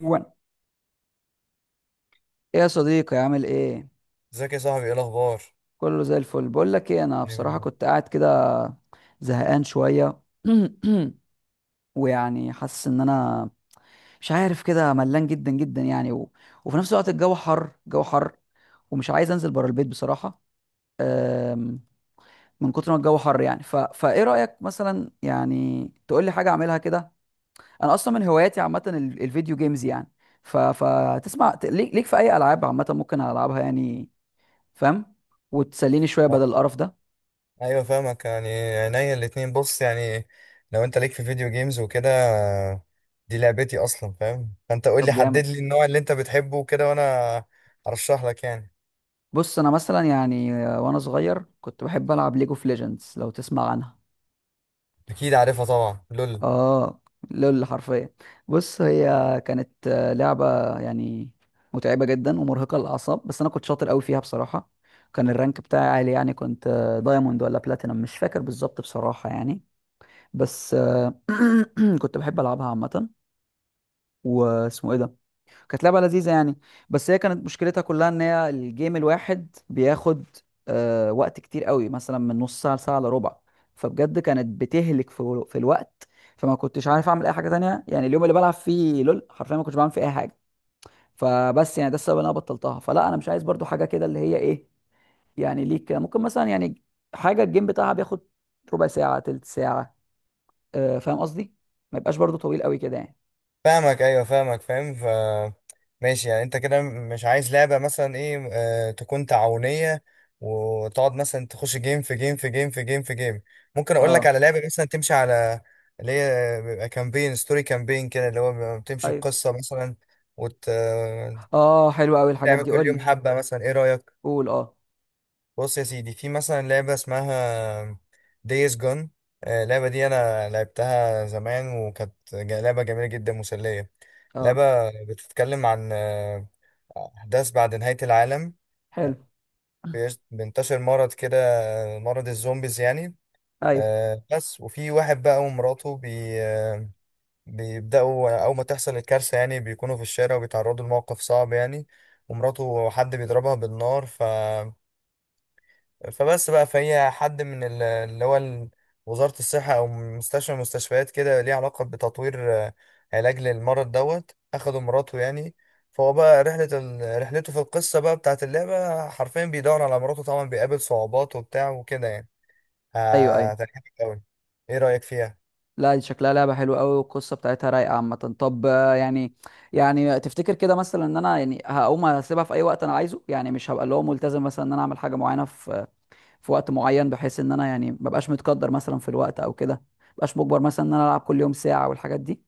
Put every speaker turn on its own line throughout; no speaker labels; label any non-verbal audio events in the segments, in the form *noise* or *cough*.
وان، ايه يا صديقي؟ عامل ايه؟
ازيك يا صاحبي، ايه الاخبار؟
كله زي الفل. بقول لك ايه، انا بصراحه
ايوه.
كنت قاعد كده زهقان شويه. *clears throat* ويعني حاسس ان انا مش عارف كده، ملان جدا جدا يعني وفي نفس الوقت الجو حر، الجو حر، ومش عايز انزل بره البيت بصراحه. أم، من كتر ما الجو حر يعني، فايه رايك مثلا يعني تقول لي حاجه اعملها كده؟ انا اصلا من هواياتي عامه الفيديو جيمز يعني، فتسمع، ليك في اي العاب عامه ممكن العبها يعني؟ فاهم؟ وتسليني شويه
آه،
بدل القرف ده.
أيوة، فاهمك يعني، عينيا الاتنين. بص، يعني لو انت ليك في فيديو جيمز وكده، دي لعبتي اصلا فاهم. فانت قول
طب
لي،
جامد.
حدد لي النوع اللي انت بتحبه وكده، وانا ارشح لك يعني.
بص، انا مثلا يعني وانا صغير كنت بحب العب ليج اوف ليجندز، لو تسمع عنها.
اكيد عارفها طبعا، لول.
اه، لول حرفيا. بص، هي كانت لعبه يعني متعبه جدا ومرهقه للاعصاب، بس انا كنت شاطر قوي فيها بصراحه. كان الرانك بتاعي عالي يعني، كنت دايموند ولا بلاتينم، مش فاكر بالظبط بصراحه يعني. بس *clears throat* كنت بحب العبها عامه. واسمه ايه ده، كانت لعبة لذيذة يعني. بس هي كانت مشكلتها كلها ان هي الجيم الواحد بياخد وقت كتير قوي، مثلا من نص ساعة لساعة الا ربع. فبجد كانت بتهلك في الوقت. فما كنتش عارف اعمل اي حاجة تانية يعني، اليوم اللي بلعب فيه لول حرفيا ما كنتش بعمل فيه اي حاجة. فبس يعني ده السبب اللي انا بطلتها. فلا، انا مش عايز برضو حاجة كده، اللي هي ايه يعني، ليك ممكن مثلا يعني حاجة الجيم بتاعها بياخد ربع ساعة، تلت ساعة، آه فاهم قصدي؟ ما يبقاش برضو طويل قوي كده يعني.
فاهمك، ايوه، فاهمك فاهم. ماشي، يعني انت كده مش عايز لعبه مثلا، ايه، تكون تعاونيه، وتقعد مثلا تخش جيم في جيم في جيم في جيم في جيم. ممكن اقول
اه.
لك على لعبه مثلا، تمشي على اللي هي بيبقى كامبين ستوري، كامبين كده اللي هو بيبقى بتمشي
ايوه.
بقصه مثلا، وت آه،
اه، حلو قوي الحاجات
تعمل
دي، قول
كل يوم
لي.
حبه مثلا. ايه رايك؟
قول، اه.
بص يا سيدي، في مثلا لعبة اسمها ديز جون. اللعبة دي أنا لعبتها زمان وكانت لعبة جميلة جدا، مسلية. لعبة
اه،
بتتكلم عن أحداث بعد نهاية العالم.
حلو.
بينتشر مرض كده، مرض الزومبيز يعني.
ايوه.
بس وفي واحد بقى ومراته بي آه، بيبدأوا أول ما تحصل الكارثة يعني، بيكونوا في الشارع وبيتعرضوا لموقف صعب يعني. ومراته حد بيضربها بالنار، فبس بقى، فهي حد من وزارة الصحة أو مستشفى من المستشفيات كده، ليه علاقة بتطوير علاج للمرض، دوت أخده مراته يعني. فهو بقى رحلته في القصة بقى بتاعت اللعبة، حرفيا بيدور على مراته، طبعا بيقابل صعوبات وبتاع وكده يعني.
ايوه. ايوه،
هتعجبك أوي. إيه رأيك فيها؟
لا دي شكلها لعبه حلوه قوي، والقصه بتاعتها رايقه عامه. طب يعني، يعني تفتكر كده مثلا ان انا يعني هقوم اسيبها في اي وقت انا عايزه يعني؟ مش هبقى اللي هو ملتزم مثلا ان انا اعمل حاجه معينه في وقت معين، بحيث ان انا يعني مبقاش متقدر مثلا في الوقت او كده، مبقاش مجبر مثلا ان انا العب كل يوم ساعه والحاجات دي.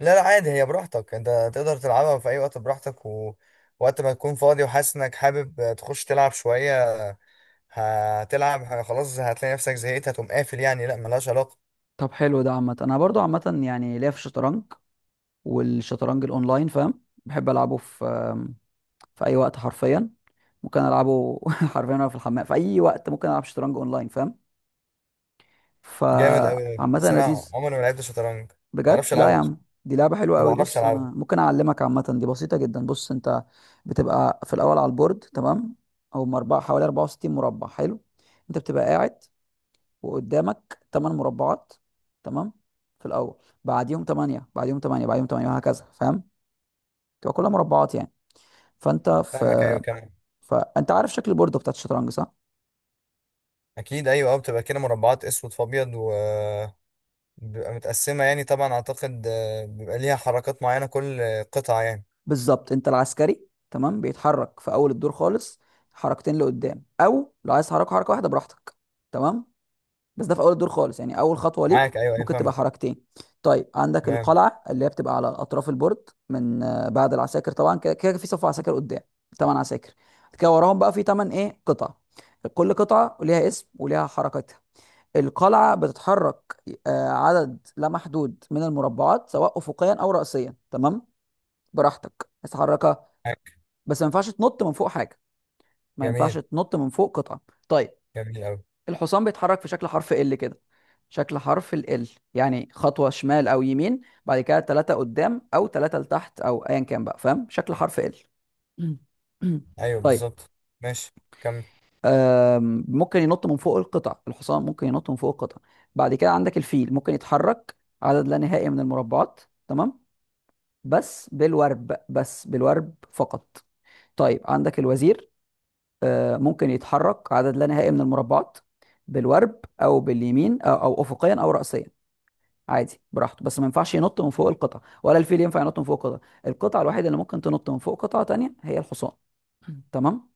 لا، لا، عادي، هي براحتك أنت، تقدر تلعبها في أي وقت براحتك، وقت ما تكون فاضي وحاسس إنك حابب تخش تلعب شوية هتلعب، خلاص هتلاقي نفسك زهقت، هتقوم قافل يعني، لا ملهاش علاقة.
طب حلو ده. عامه انا برضو عامه يعني ليا في الشطرنج والشطرنج الاونلاين فاهم، بحب العبه في في اي وقت حرفيا. ممكن العبه *laughs* حرفيا وانا في الحمام، في اي وقت ممكن العب شطرنج اونلاين فاهم،
جامد أوي،
فعامة
بس أنا
لذيذ.
عمري ما لعبت شطرنج، ما
بجد؟
بعرفش
لا يا
ألعبها أصلا،
عم، دي لعبة حلوة
ما
قوي.
بعرفش
بص انا
ألعبها.
ممكن اعلمك، عامة دي بسيطة جدا. بص، انت بتبقى في الاول على البورد، تمام، او مربع حوالي 64 مربع. حلو. انت بتبقى قاعد وقدامك 8 مربعات، تمام، في الاول، بعديهم 8، بعديهم 8، بعديهم 8، وهكذا، فاهم، تبقى كلها مربعات يعني. فانت في
فاهمك، أيوة كمان.
فانت عارف شكل البورد بتاعت الشطرنج صح؟
أكيد، أيوة، أه، بتبقى كده مربعات أسود في أبيض، و بيبقى متقسمة يعني، طبعا أعتقد بيبقى ليها حركات معينة كل قطعة يعني.
بالظبط. انت العسكري، تمام، بيتحرك في اول الدور خالص حركتين لقدام، او لو عايز تحرك حركه واحده براحتك، تمام. بس ده في اول الدور خالص يعني، اول خطوه ليه
معاك، أيوة أيوة،
ممكن تبقى
فاهمك.
حركتين. طيب، عندك
تمام.
القلعه اللي هي بتبقى على اطراف البورد من بعد العساكر طبعا، كده كده في صف عساكر قدام، تمن عساكر، كده وراهم بقى في تمن ايه قطع. كل قطعه ليها اسم وليها حركتها. القلعه بتتحرك عدد لا محدود من المربعات، سواء افقيا او رأسيا، تمام، براحتك تتحرك.
معاك.
بس ما ينفعش تنط من فوق حاجه، ما ينفعش
جميل.
تنط من فوق قطعه. طيب،
جميل أوي.
الحصان بيتحرك في شكل حرف ال كده، شكل حرف ال يعني خطوه شمال او يمين، بعد كده ثلاثه قدام او ثلاثه لتحت، او ايا كان بقى، فاهم شكل حرف ال. *clears throat*
أيوة،
طيب،
بالظبط. ماشي، كمل.
ممكن ينط من فوق القطع، الحصان ممكن ينط من فوق القطع. بعد كده عندك الفيل، ممكن يتحرك عدد لا نهائي من المربعات، تمام، بس بالورب، بس بالورب فقط. طيب، عندك الوزير، ممكن يتحرك عدد لا نهائي من المربعات، بالورب او باليمين، او افقيا او راسيا، عادي براحته. بس ما ينفعش ينط من فوق القطع، ولا الفيل ينفع ينط من فوق قطع. القطعه الوحيده اللي ممكن تنط من فوق قطعه تانية هي الحصان. *clears throat* تمام.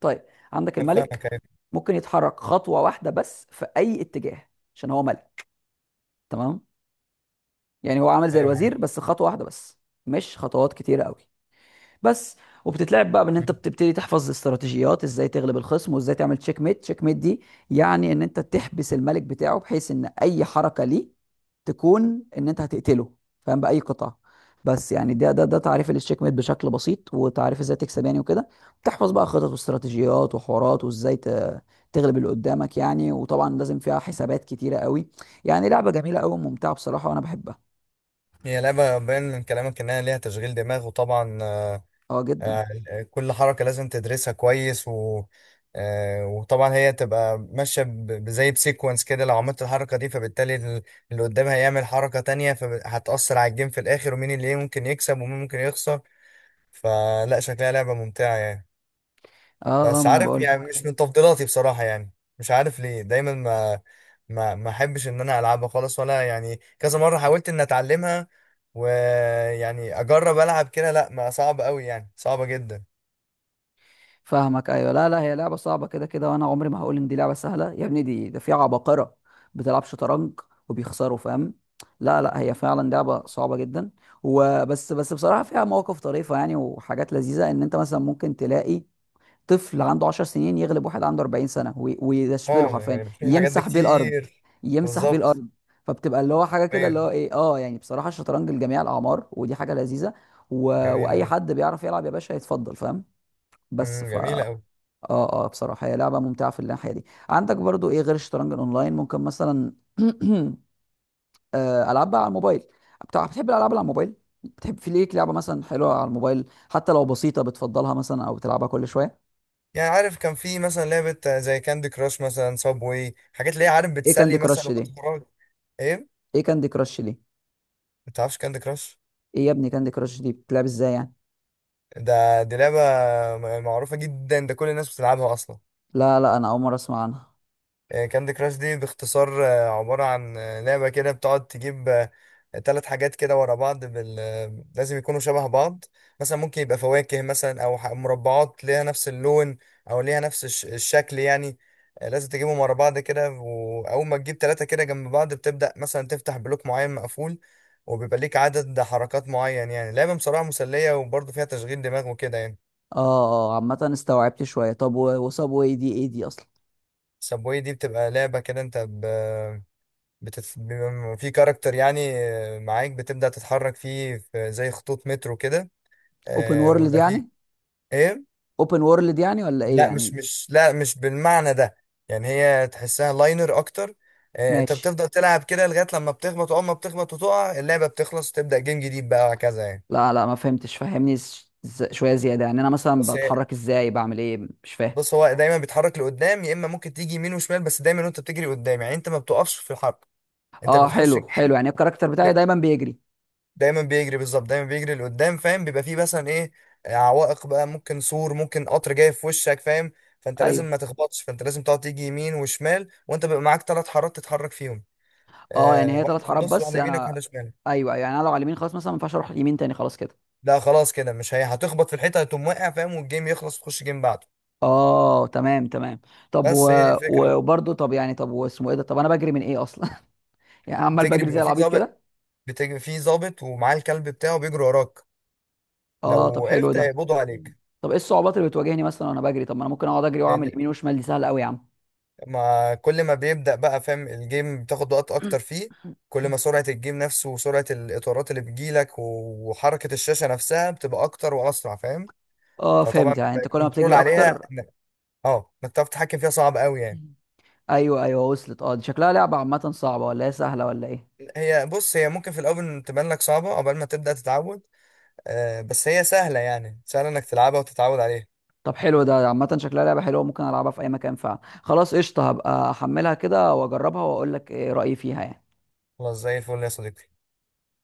طيب، عندك
أنا
الملك،
فاهمك، أيوة
ممكن يتحرك خطوه واحده بس في اي اتجاه، عشان هو ملك، تمام. يعني هو عامل زي
أيوة، معاك.
الوزير بس خطوه واحده بس، مش خطوات كتيره قوي بس. وبتتلعب بقى بان انت
مم.
بتبتدي تحفظ استراتيجيات ازاي تغلب الخصم، وازاي تعمل تشيك ميت. تشيك ميت دي يعني ان انت تحبس الملك بتاعه، بحيث ان اي حركة ليه تكون ان انت هتقتله فاهم، بأي قطعة. بس يعني، ده تعريف للتشيك ميت بشكل بسيط، وتعريف ازاي تكسب يعني وكده. تحفظ بقى خطط واستراتيجيات وحوارات، وازاي تغلب اللي قدامك يعني، وطبعا لازم فيها حسابات كتيرة قوي. يعني لعبة جميلة قوي وممتعة بصراحة، وانا بحبها.
هي لعبة باين من كلامك إنها ليها تشغيل دماغ، وطبعا
اه جدا.
آه، كل حركة لازم تدرسها كويس، و آه، وطبعا هي تبقى ماشية زي بسيكونس كده، لو عملت الحركة دي فبالتالي اللي قدامها هيعمل حركة تانية، فهتأثر على الجيم في الآخر، ومين اللي إيه ممكن يكسب ومين ممكن يخسر. فلا، شكلها لعبة ممتعة يعني.
اه اه،
بس
ما انا
عارف،
بقول.
يعني مش من تفضيلاتي بصراحة يعني، مش عارف ليه دايما ما احبش ان انا العبها خالص، ولا يعني كذا مرة حاولت ان اتعلمها ويعني اجرب العب كده، لا، ما، صعب قوي يعني، صعبة جدا.
فاهمك ايوه. لا لا، هي لعبه صعبه كده كده، وانا عمري ما هقول ان دي لعبه سهله. يا ابني دي، ده في عباقره بتلعب شطرنج وبيخسروا فاهم، لا لا، هي فعلا لعبه صعبه جدا. وبس بصراحه فيها مواقف طريفه يعني، وحاجات لذيذه، ان انت مثلا ممكن تلاقي طفل عنده 10 سنين يغلب واحد عنده 40 سنه، ويشمله
اه،
حرفيا،
يعني بتشوف الحاجات دي
يمسح بيه الارض،
كتير.
يمسح بيه
بالظبط.
الارض. فبتبقى اللي هو حاجه كده اللي
ايوه.
هو ايه، اه يعني بصراحه الشطرنج لجميع الاعمار، ودي حاجه لذيذه و...
جميلة
واي
أوي.
حد بيعرف يلعب يا باشا يتفضل فاهم. بس ف
جميلة
اه.
أوي.
اه، بصراحة هي لعبة ممتعة في الناحية دي. عندك برضو ايه غير الشطرنج الاونلاين؟ ممكن مثلا *clears throat* العاب بقى على الموبايل بتاع، بتحب الالعاب اللي على الموبايل؟ بتحب، في ليك لعبة مثلا حلوة على الموبايل حتى لو بسيطة بتفضلها مثلا، او بتلعبها كل شوية؟
يعني عارف، كان في مثلا لعبة زي كاندي كراش مثلا، صابوي، حاجات اللي هي عارف
ايه كاندي
بتسلي مثلا
كراش دي؟
وقت فراغ. ايه؟
ايه كاندي كراش دي؟
ما تعرفش كاندي كراش؟
ايه يا ابني كاندي كراش دي بتلعب ازاي يعني؟
دي لعبة معروفة جدا، ده كل الناس بتلعبها أصلا.
لا لا، انا اول مرة اسمع عنها.
كاندي كراش دي باختصار عبارة عن لعبة كده، بتقعد تجيب تلات حاجات كده ورا بعض بال... آه، لازم يكونوا شبه بعض، مثلا ممكن يبقى فواكه مثلا، أو مربعات ليها نفس اللون، أو ليها نفس الشكل يعني. لازم تجيبهم ورا بعض كده، وأول ما تجيب تلاتة كده جنب بعض بتبدأ مثلا تفتح بلوك معين مقفول، وبيبقى ليك عدد حركات معين، يعني لعبة بصراحة مسلية، وبرضه فيها تشغيل دماغ وكده يعني.
اه اه، عامة استوعبت شوية. طب وصاب واي دي ايه دي اصلا؟
سبوي دي بتبقى لعبة كده، انت بيبقى في كاركتر يعني معاك، بتبدأ تتحرك فيه في زي خطوط مترو كده،
اوبن وورلد
ويبقى فيه
يعني؟
ايه.
اوبن وورلد يعني ولا ايه
لا، مش
يعني؟
مش لا، مش بالمعنى ده. يعني هي تحسها لاينر اكتر. انت
ماشي.
بتفضل تلعب كده لغاية لما بتخبط، واول ما بتخبط وتقع اللعبة بتخلص وتبدأ جيم جديد بقى، وهكذا يعني.
لا لا، ما فهمتش، فهمني شويه زياده يعني. انا مثلا
بس هي-
بتحرك ازاي؟ بعمل ايه؟ مش فاهم.
بص هو دايما بيتحرك لقدام، يا اما ممكن تيجي يمين وشمال، بس دايما وانت بتجري قدام يعني، انت ما بتقفش في الحرب، انت
اه
بتخش
حلو، حلو.
الجيم.
يعني الكاركتر بتاعي دايما بيجري؟
دايما بيجري، بالظبط دايما بيجري لقدام فاهم، بيبقى فيه مثلا ايه عوائق بقى، ممكن سور، ممكن قطر جاي في وشك فاهم. فانت لازم
ايوه.
ما تخبطش، فانت لازم تقعد تيجي يمين وشمال، وانت بيبقى معاك ثلاث حارات تتحرك فيهم،
اه، يعني هي ثلاث
واحده في
حارات
النص،
بس
واحده يمينك،
انا.
واحده شمالك.
ايوه، أيوه، يعني انا لو على اليمين خلاص مثلا ما ينفعش اروح اليمين تاني خلاص كده.
لا، خلاص كده، مش هي هتخبط في الحيطه، هتقوم واقع فاهم، والجيم يخلص تخش جيم بعده.
اه تمام، تمام. طب
بس هي دي الفكره.
وبرضه، طب يعني، طب واسمه ايه ده، طب انا بجري من ايه اصلا؟ *laughs* يعني عمال
بتجري
بجري زي
بيبقى فيه
العبيط
ظابط،
كده.
بتجري فيه ظابط ومعاه الكلب بتاعه بيجري وراك. لو
اه طب حلو
وقفت
ده.
هيقبضوا
مم.
عليك.
طب ايه الصعوبات اللي بتواجهني مثلا وانا بجري؟ طب ما انا ممكن اقعد اجري واعمل
يعني
يمين وشمال، دي سهله قوي يا عم.
ما كل ما بيبدأ بقى فاهم الجيم بتاخد وقت اكتر فيه، كل
*laughs*
ما سرعة
*coughs*
الجيم نفسه وسرعة الاطارات اللي بتجيلك وحركة الشاشة نفسها بتبقى اكتر واسرع فاهم.
اه
فطبعا
فهمت، يعني
بيبقى
انت كل ما
الكنترول
بتجري
عليها
اكتر.
انك تعرف تتحكم فيها صعب قوي يعني.
مم. ايوه ايوه وصلت. اه، دي شكلها لعبه عامه صعبه ولا هي سهله ولا ايه؟
بص هي ممكن في الاول تبان لك صعبة، عقبال ما تبدأ تتعود، بس هي سهلة، يعني سهلة انك تلعبها وتتعود عليها.
طب حلو ده. عامه شكلها لعبه حلوه، ممكن العبها في اي مكان فعلا. خلاص قشطه، هبقى احملها كده واجربها واقول لك ايه رايي فيها يعني.
خلاص زي الفل يا صديقي.